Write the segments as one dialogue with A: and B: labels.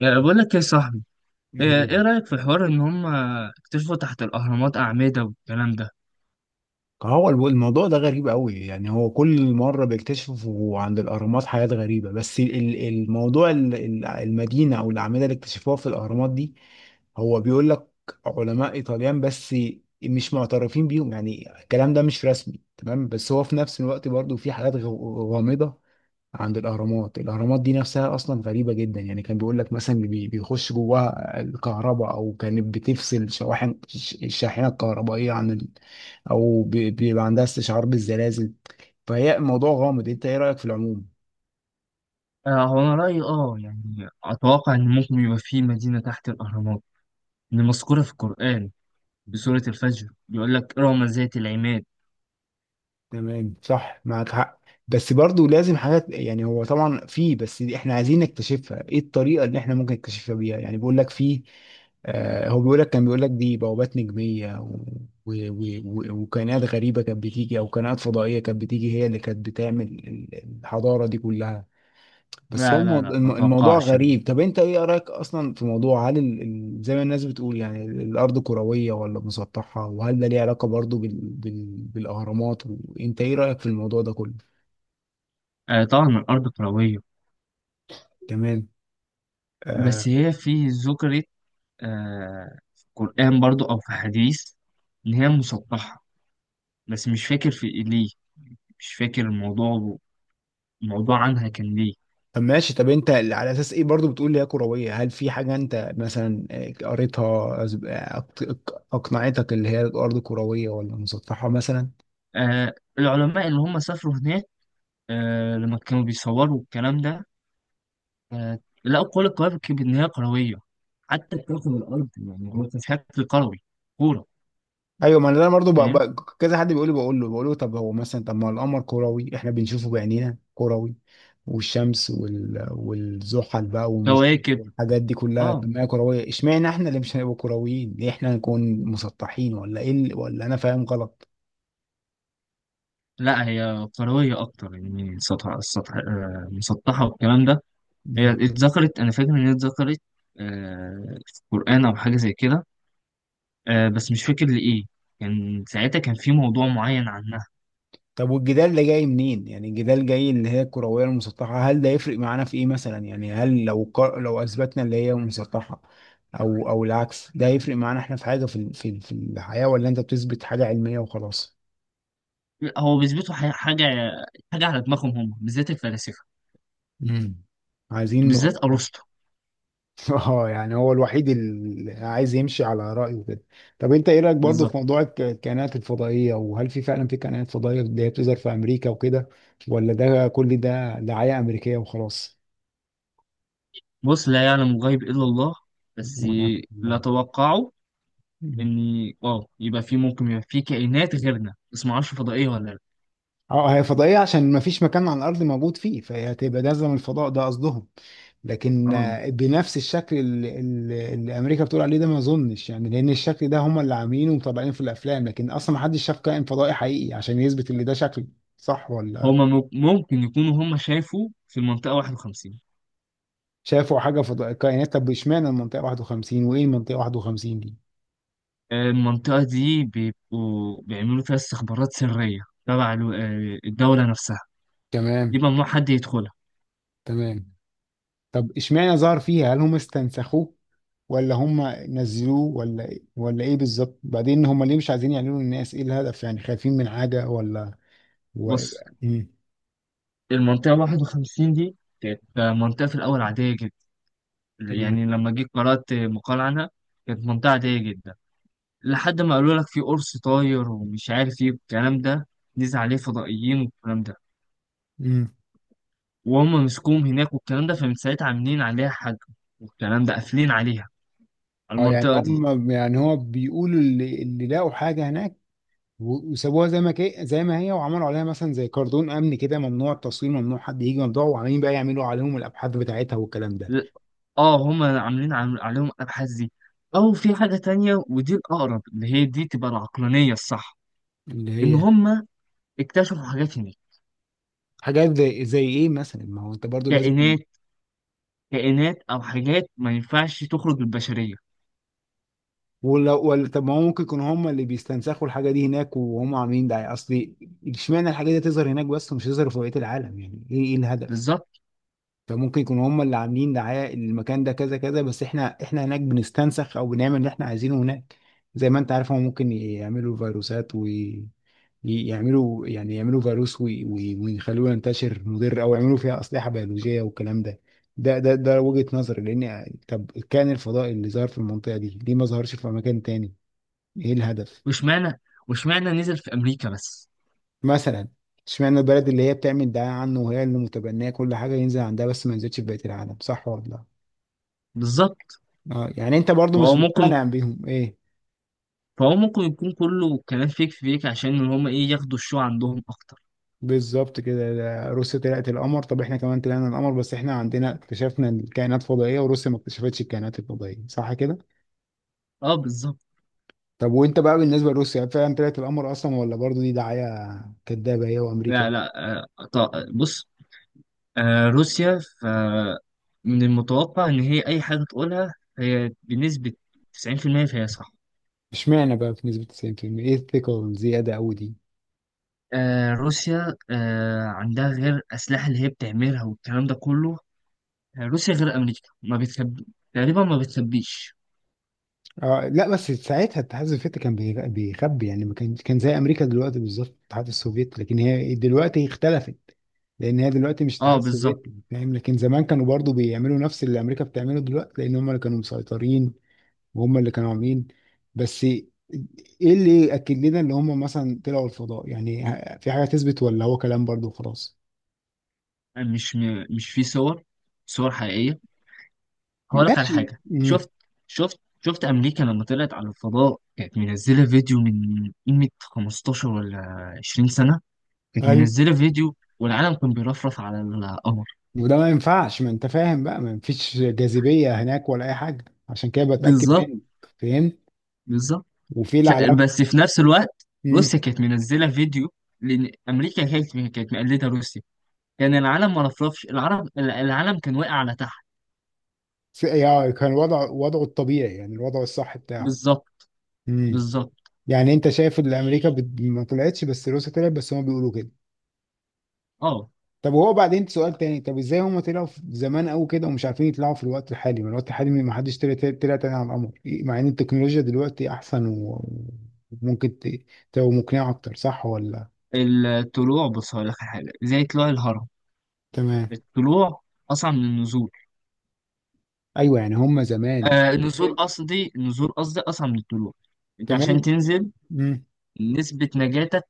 A: يعني بقول لك يا صاحبي. ايه
B: مم.
A: إيه رأيك في حوار ان هم اكتشفوا تحت الاهرامات اعمدة والكلام ده؟
B: هو الموضوع ده غريب قوي. يعني هو كل مرة بيكتشفوا عند الأهرامات حاجات غريبة، بس الموضوع المدينة أو الأعمدة اللي اكتشفوها في الأهرامات دي، هو بيقول لك علماء إيطاليان بس مش معترفين بيهم، يعني الكلام ده مش رسمي تمام، بس هو في نفس الوقت برضو في حاجات غامضة عند الأهرامات. الأهرامات دي نفسها أصلا غريبة جدا، يعني كان بيقول لك مثلا بيخش جواها الكهرباء، أو كانت بتفصل شواحن الشاحنة الكهربائية عن، او بيبقى عندها استشعار بالزلازل. فهي الموضوع غامض، انت ايه رأيك في العموم؟
A: آه، هو انا رأيي يعني اتوقع ان ممكن يبقى في مدينة تحت الاهرامات اللي مذكورة في القرآن في سورة الفجر. بيقول لك رغم ذات العماد.
B: تمام، صح، معك حق. بس برضو لازم حاجات، يعني هو طبعا في، بس دي احنا عايزين نكتشفها. ايه الطريقة اللي احنا ممكن نكتشفها بيها؟ يعني بيقول لك في. آه، هو بيقول لك كان بيقول لك دي بوابات نجمية، وكائنات غريبة كانت بتيجي، او كائنات فضائية كانت بتيجي، هي اللي كانت بتعمل الحضارة دي كلها. بس هو
A: لا لا لا ما
B: الموضوع
A: اتوقعش.
B: غريب. طب انت ايه رايك اصلا في موضوع هل زي ما الناس بتقول، يعني الارض كرويه ولا مسطحه؟ وهل ده ليه علاقه برضو بالاهرامات؟ وانت ايه رايك في الموضوع ده كله؟
A: آه طبعا الارض كروية.
B: تمام.
A: بس
B: آه...
A: هي في ذكرت، في القرآن برضو او في حديث، ان هي مسطحة. بس مش فاكر في إيه، ليه. مش فاكر الموضوع، الموضوع عنها كان ليه.
B: طب ماشي، طب انت على اساس ايه برضو بتقول لي هي كرويه؟ هل في حاجه انت مثلا قريتها، اقنعتك اللي هي الارض كرويه ولا مسطحه مثلا؟
A: آه، العلماء اللي هم سافروا هناك، لما كانوا بيصوروا الكلام ده آه لقوا كل الكواكب إن هي كروية. حتى كوكب الأرض يعني هو كان شكل كروي، كورة.
B: ايوه، ما انا برضه
A: فاهم؟
B: كذا حد بيقول لي، بقول له طب هو مثلا، طب ما القمر كروي احنا بنشوفه بعينينا كروي، والشمس والزحل بقى
A: كواكب.
B: والحاجات دي كلها،
A: اه
B: طب ما هي كرويه. اشمعنى احنا اللي مش هنبقى كرويين؟ ليه احنا هنكون مسطحين ولا ايه ولا انا فاهم غلط؟
A: لا هي كروية أكتر، يعني سطح السطح مسطحة والكلام ده. هي
B: مم.
A: اتذكرت، أنا فاكر إن هي اتذكرت في القرآن أو حاجة زي كده. بس مش فاكر لإيه. كان ساعتها كان في موضوع معين عنها.
B: طب والجدال ده جاي منين؟ يعني الجدال جاي اللي هي الكروية المسطحة، هل ده يفرق معانا في ايه مثلا؟ يعني هل لو اثبتنا اللي هي مسطحة، او العكس، ده هيفرق معانا احنا في حاجة في الحياة، ولا انت بتثبت حاجة علمية وخلاص؟
A: هو بيثبتوا حاجة على دماغهم، هم بالذات الفلاسفة،
B: امم عايزين م-
A: بالذات ارسطو.
B: اه، يعني هو الوحيد اللي عايز يمشي على رأيه كده. طب انت ايه رأيك برضه في
A: بالظبط.
B: موضوع الكائنات الفضائية؟ وهل في فعلا في كائنات فضائية اللي هي بتظهر في امريكا وكده، ولا ده كل ده دعاية امريكية وخلاص؟
A: بص، لا يعلم الغيب الا الله. بس
B: وانا
A: لا توقعوا ان اه يبقى في ممكن يبقى في كائنات غيرنا، بس ما اعرفش فضائيه ولا لا.
B: اه، هي فضائية عشان ما فيش مكان على الأرض موجود فيه، فهي هتبقى نازلة من الفضاء، ده قصدهم. لكن
A: أرض.
B: بنفس الشكل اللي أمريكا بتقول عليه ده، ما أظنش، يعني لأن الشكل ده هم اللي عاملينه ومطبقينه في الأفلام، لكن أصلا ما حدش شاف كائن فضائي حقيقي عشان يثبت اللي ده شكل. صح ولا؟
A: هما ممكن يكونوا هما شافوا في المنطقه 51.
B: شافوا حاجة فضائية، كائنات. طب إشمعنى المنطقة 51، وإيه المنطقة 51 دي؟
A: آه، المنطقه دي بيبقوا بيعملوا فيها استخبارات سريه تبع الدوله نفسها. دي
B: تمام.
A: ممنوع حد يدخلها.
B: تمام. طب إشمعنى ظهر فيها؟ هل هم استنسخوه ولا هم نزلوه، ولا ايه بالظبط؟ بعدين هم ليه مش عايزين يعلنوا للناس؟ ايه الهدف، يعني خايفين من حاجة ولا... و...
A: بص،
B: مم.
A: المنطقه 51 دي كانت منطقه في الاول عاديه جدا،
B: تمام.
A: يعني لما جيت قرات مقال عنها. كانت منطقه عاديه جدا، لحد ما قالوا لك في قرص طاير ومش عارف ايه والكلام ده، نزل عليه فضائيين والكلام ده،
B: مم.
A: وهم مسكوهم هناك والكلام ده، فمن ساعتها عاملين عليها حاجة والكلام ده، قافلين عليها
B: اه، يعني
A: المنطقة دي.
B: هم يعني هو بيقولوا اللي لقوا حاجة هناك، وسابوها زي ما هي، وعملوا عليها مثلا زي كاردون امن كده، ممنوع التصوير، ممنوع حد يجي، ممنوع، وعمالين بقى يعملوا عليهم الابحاث بتاعتها والكلام ده.
A: ل- اه هم عاملين عليهم الأبحاث دي، أو في حاجة تانية ودي الأقرب اللي هي دي تبقى العقلانية الصح،
B: اللي
A: إن
B: هي
A: هم اكتشفوا حاجات هناك.
B: حاجات زي ايه مثلا؟ ما هو انت برضو لازم.
A: كائنات كائنات أو حاجات ما ينفعش تخرج البشرية.
B: ولا طب ما هو ممكن يكونوا هم اللي بيستنسخوا الحاجه دي هناك، وهم عاملين ده اصل. اشمعنى الحاجه دي تظهر هناك بس ومش تظهر في بقيه العالم؟ يعني ايه، ايه الهدف؟
A: بالظبط.
B: فممكن يكونوا هم اللي عاملين دعايه المكان ده كذا كذا، بس احنا هناك بنستنسخ او بنعمل اللي احنا عايزينه هناك. زي ما انت عارف، هم ممكن يعملوا فيروسات، ويعملوا يعني يعملوا فيروس ويخلوه ينتشر مضر، او يعملوا فيها اسلحه بيولوجيه والكلام ده. ده ده ده وجهة نظري، لان طب كان الفضاء اللي ظهر في المنطقه دي ليه ما ظهرش في مكان تاني؟ ايه الهدف؟
A: واشمعنى واشمعنى نزل في أمريكا بس.
B: مثلا اشمعنى البلد اللي هي بتعمل دعاية عنه، وهي اللي متبنية كل حاجة، ينزل عندها بس ما ينزلش في بقية العالم؟ صح ولا لا؟
A: بالظبط.
B: اه، يعني انت برضو
A: وهو
B: مش
A: ممكن
B: مقتنع بيهم، ايه.
A: فهو ممكن يكون كله كلام فيك فيك عشان ان هم ايه ياخدوا الشو عندهم اكتر.
B: بالظبط كده. ده روسيا طلعت القمر، طب احنا كمان طلعنا القمر، بس احنا عندنا اكتشفنا الكائنات الفضائية وروسيا ما اكتشفتش الكائنات الفضائية، صح كده؟
A: اه بالظبط.
B: طب وانت بقى بالنسبة لروسيا، فعلا طلعت القمر اصلا ولا برضو دي دعاية كدابة هي وامريكا؟
A: لا لا بص. روسيا، من المتوقع ان هي اي حاجه تقولها هي بنسبه 90% فهي صح.
B: اشمعنى بقى في نسبة 90%؟ ايه الثقة الزيادة قوي دي؟
A: آه روسيا عندها غير الاسلحه اللي هي بتعملها والكلام ده كله. آه روسيا غير امريكا ما بتخبي، تقريبا ما بتخبيش.
B: آه لا، بس ساعتها الاتحاد السوفيتي كان بيخبي، يعني ما كان زي امريكا دلوقتي بالظبط، الاتحاد السوفيتي. لكن هي دلوقتي اختلفت، لان هي دلوقتي مش الاتحاد
A: اه بالظبط.
B: السوفيتي، فاهم؟ لكن زمان كانوا برضو بيعملوا نفس اللي امريكا بتعمله دلوقتي، لان هم اللي كانوا مسيطرين، وهم اللي كانوا عاملين. بس ايه اللي ياكد لنا ان هم مثلا طلعوا الفضاء؟ يعني في حاجه تثبت ولا هو كلام برضو وخلاص؟
A: آه، مش في صور، صور حقيقيه. هقول لك على
B: ماشي.
A: حاجة. شفت أمريكا لما طلعت على الفضاء كانت منزلة فيديو من قيمة 15 ولا 20 سنة، كانت
B: ايوه.
A: منزلة فيديو والعالم كان بيرفرف على القمر.
B: وده ما ينفعش، ما انت فاهم بقى ما فيش جاذبية هناك ولا اي حاجة، عشان كده بتأكد
A: بالظبط.
B: منك. فاهم.
A: بالظبط.
B: وفي
A: ش-
B: العلامة.
A: بس في نفس الوقت
B: امم
A: روسيا كانت منزلة فيديو، لأن أمريكا كانت مقلدة روسيا، كان العالم ما رفرفش، العالم كان واقع على تحت.
B: يعني كان وضع وضعه الطبيعي، يعني الوضع الصح بتاعه.
A: بالظبط.
B: امم
A: بالظبط.
B: يعني انت شايف ان امريكا ما طلعتش، بس روسيا طلعت، بس هما بيقولوا كده.
A: اه
B: طب وهو بعدين سؤال تاني، طب ازاي هما طلعوا في زمان قوي كده ومش عارفين يطلعوا في الوقت الحالي؟ ما الوقت الحالي ما حدش طلع، تاني على القمر إيه، مع ان التكنولوجيا دلوقتي احسن، وممكن تبقى مقنعة اكتر، صح ولا؟
A: الطلوع، بص هقول لك على حاجة زي طلوع الهرم.
B: تمام.
A: الطلوع أصعب من النزول.
B: ايوه، يعني هم زمان.
A: النزول، قصدي النزول، قصدي أصعب من الطلوع. أنت عشان
B: تمام.
A: تنزل
B: مم.
A: نسبة نجاتك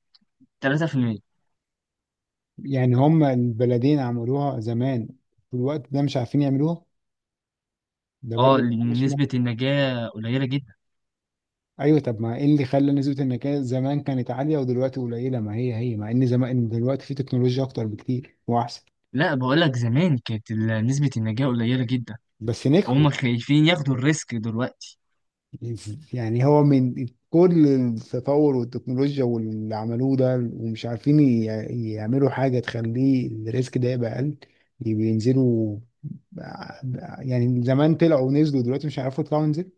A: 3%.
B: يعني هم البلدين عملوها زمان، في الوقت ده مش عارفين يعملوها. ده
A: أه
B: برضه
A: لأن
B: مش
A: نسبة
B: ممكن.
A: النجاة قليلة جدا.
B: ايوه، طب ما ايه اللي خلى نسبة النكاية زمان كانت عالية ودلوقتي قليلة؟ ما هي هي مع ان زمان دلوقتي في تكنولوجيا اكتر بكتير واحسن.
A: لا بقول لك، زمان كانت نسبة النجاة قليلة جدا،
B: بس نجحوا.
A: وهم خايفين ياخدوا الريسك دلوقتي.
B: يعني هو من كل التطور والتكنولوجيا واللي عملوه ده، ومش عارفين يعملوا حاجة تخليه الريسك ده يبقى اقل، يبقى ينزلوا. يعني زمان طلعوا ونزلوا، دلوقتي مش هيعرفوا يطلعوا ينزلوا.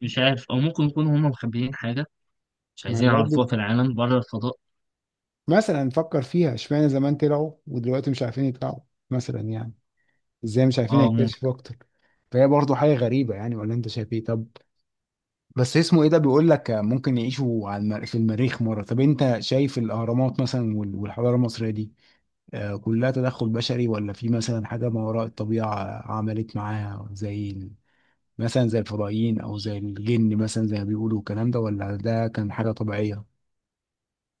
A: مش عارف، أو ممكن يكونوا هم مخبيين حاجة مش
B: ما
A: عايزين
B: برضه
A: يعرفوها في العالم بره الفضاء.
B: مثلا نفكر فيها، اشمعنى زمان طلعوا ودلوقتي مش عارفين يطلعوا؟ مثلا يعني ازاي مش عارفين
A: أه ممكن.
B: يكتشفوا اكتر؟ فهي برضه حاجة غريبة يعني، ولا انت شايف ايه؟ طب بس اسمه ايه، ده بيقول لك ممكن يعيشوا على في المريخ مرة. طب انت شايف الاهرامات مثلا والحضارة المصرية دي، كلها تدخل بشري، ولا في مثلا حاجة ما وراء الطبيعة عملت معاها، زي مثلا زي الفضائيين او زي الجن، مثلا زي ما بيقولوا الكلام ده، ولا ده كان حاجه طبيعيه؟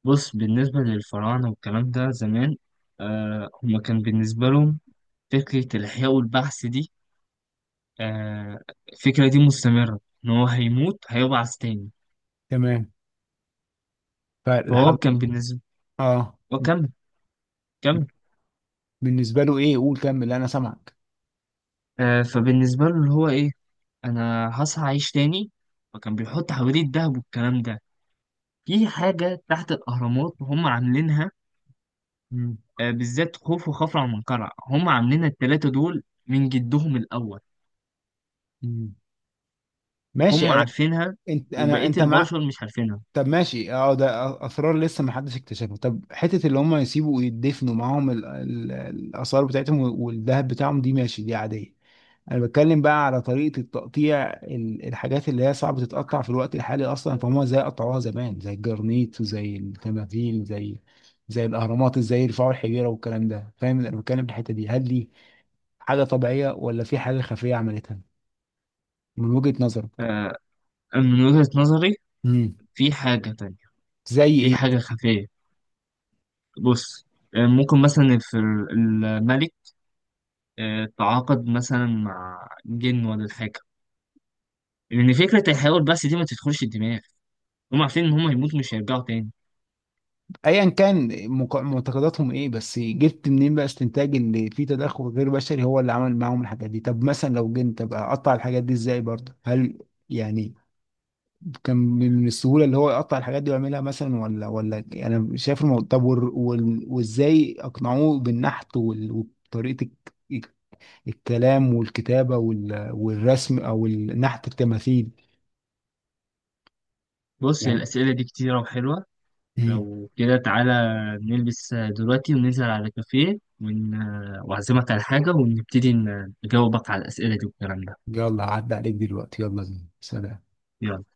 A: بص، بالنسبة للفراعنة والكلام ده زمان، هم كان بالنسبة لهم فكرة الإحياء والبعث دي، آه، الفكرة دي مستمرة إن هو هيموت هيبعث تاني.
B: تمام،
A: فهو
B: فالحاجه.
A: كان بالنسبة.
B: اه،
A: وكمل كمل.
B: بالنسبه له ايه؟ قول كمل، انا سامعك.
A: فبالنسبة له اللي هو إيه، أنا هصحى أعيش تاني، فكان بيحط حواليه الدهب والكلام ده. في حاجة تحت الأهرامات هم عاملينها،
B: مم.
A: بالذات خوف وخفرع ومنقرع، هم عاملينها التلاتة دول من جدهم الأول.
B: مم.
A: هم
B: ماشي. انا
A: عارفينها
B: انت انا
A: وبقية
B: انت مع.
A: البشر مش عارفينها.
B: طب ماشي، اه، ده اسرار لسه ما حدش اكتشفها. طب حته اللي هم يسيبوا ويدفنوا معاهم الاثار بتاعتهم والذهب بتاعهم دي، ماشي، دي عاديه. انا بتكلم بقى على طريقه التقطيع، الحاجات اللي هي صعب تتقطع في الوقت الحالي اصلا، فهم ازاي قطعوها زمان؟ زي الجرانيت وزي التماثيل، زي الاهرامات، ازاي يرفعوا الحجيره والكلام ده، فاهم؟ انا بتكلم في الحته دي، هل دي حاجه طبيعيه ولا في حاجه خفيه عملتها، من وجهه نظرك؟
A: آه، من وجهة نظري
B: امم
A: في حاجة تانية،
B: زي
A: في
B: ايه؟
A: حاجة خفية. بص، ممكن مثلا في الملك تعاقد مثلا مع جن ولا حاجة، لأن فكرة الحيوان بس دي ما تدخلش الدماغ. هم عارفين إن هم هيموتوا مش هيرجعوا تاني.
B: ايا كان معتقداتهم ايه، بس جبت منين بقى استنتاج اللي فيه تدخل غير بشري هو اللي عمل معاهم الحاجات دي؟ طب مثلا لو جيت، طب اقطع الحاجات دي ازاي برضه؟ هل يعني كان من السهوله اللي هو يقطع الحاجات دي ويعملها مثلا ولا يعني انا شايف الموضوع. طب وازاي اقنعوه بالنحت وطريقه الك- الكلام والكتابه والرسم او النحت التماثيل،
A: بص،
B: يعني.
A: الأسئلة دي كتيرة وحلوة.
B: مم.
A: لو كده تعالى نلبس دلوقتي وننزل على كافيه وأعزمك على حاجة ونبتدي نجاوبك على الأسئلة دي والكلام ده.
B: يلا عدى عليك دلوقتي، يلا بينا، سلام.
A: يلا.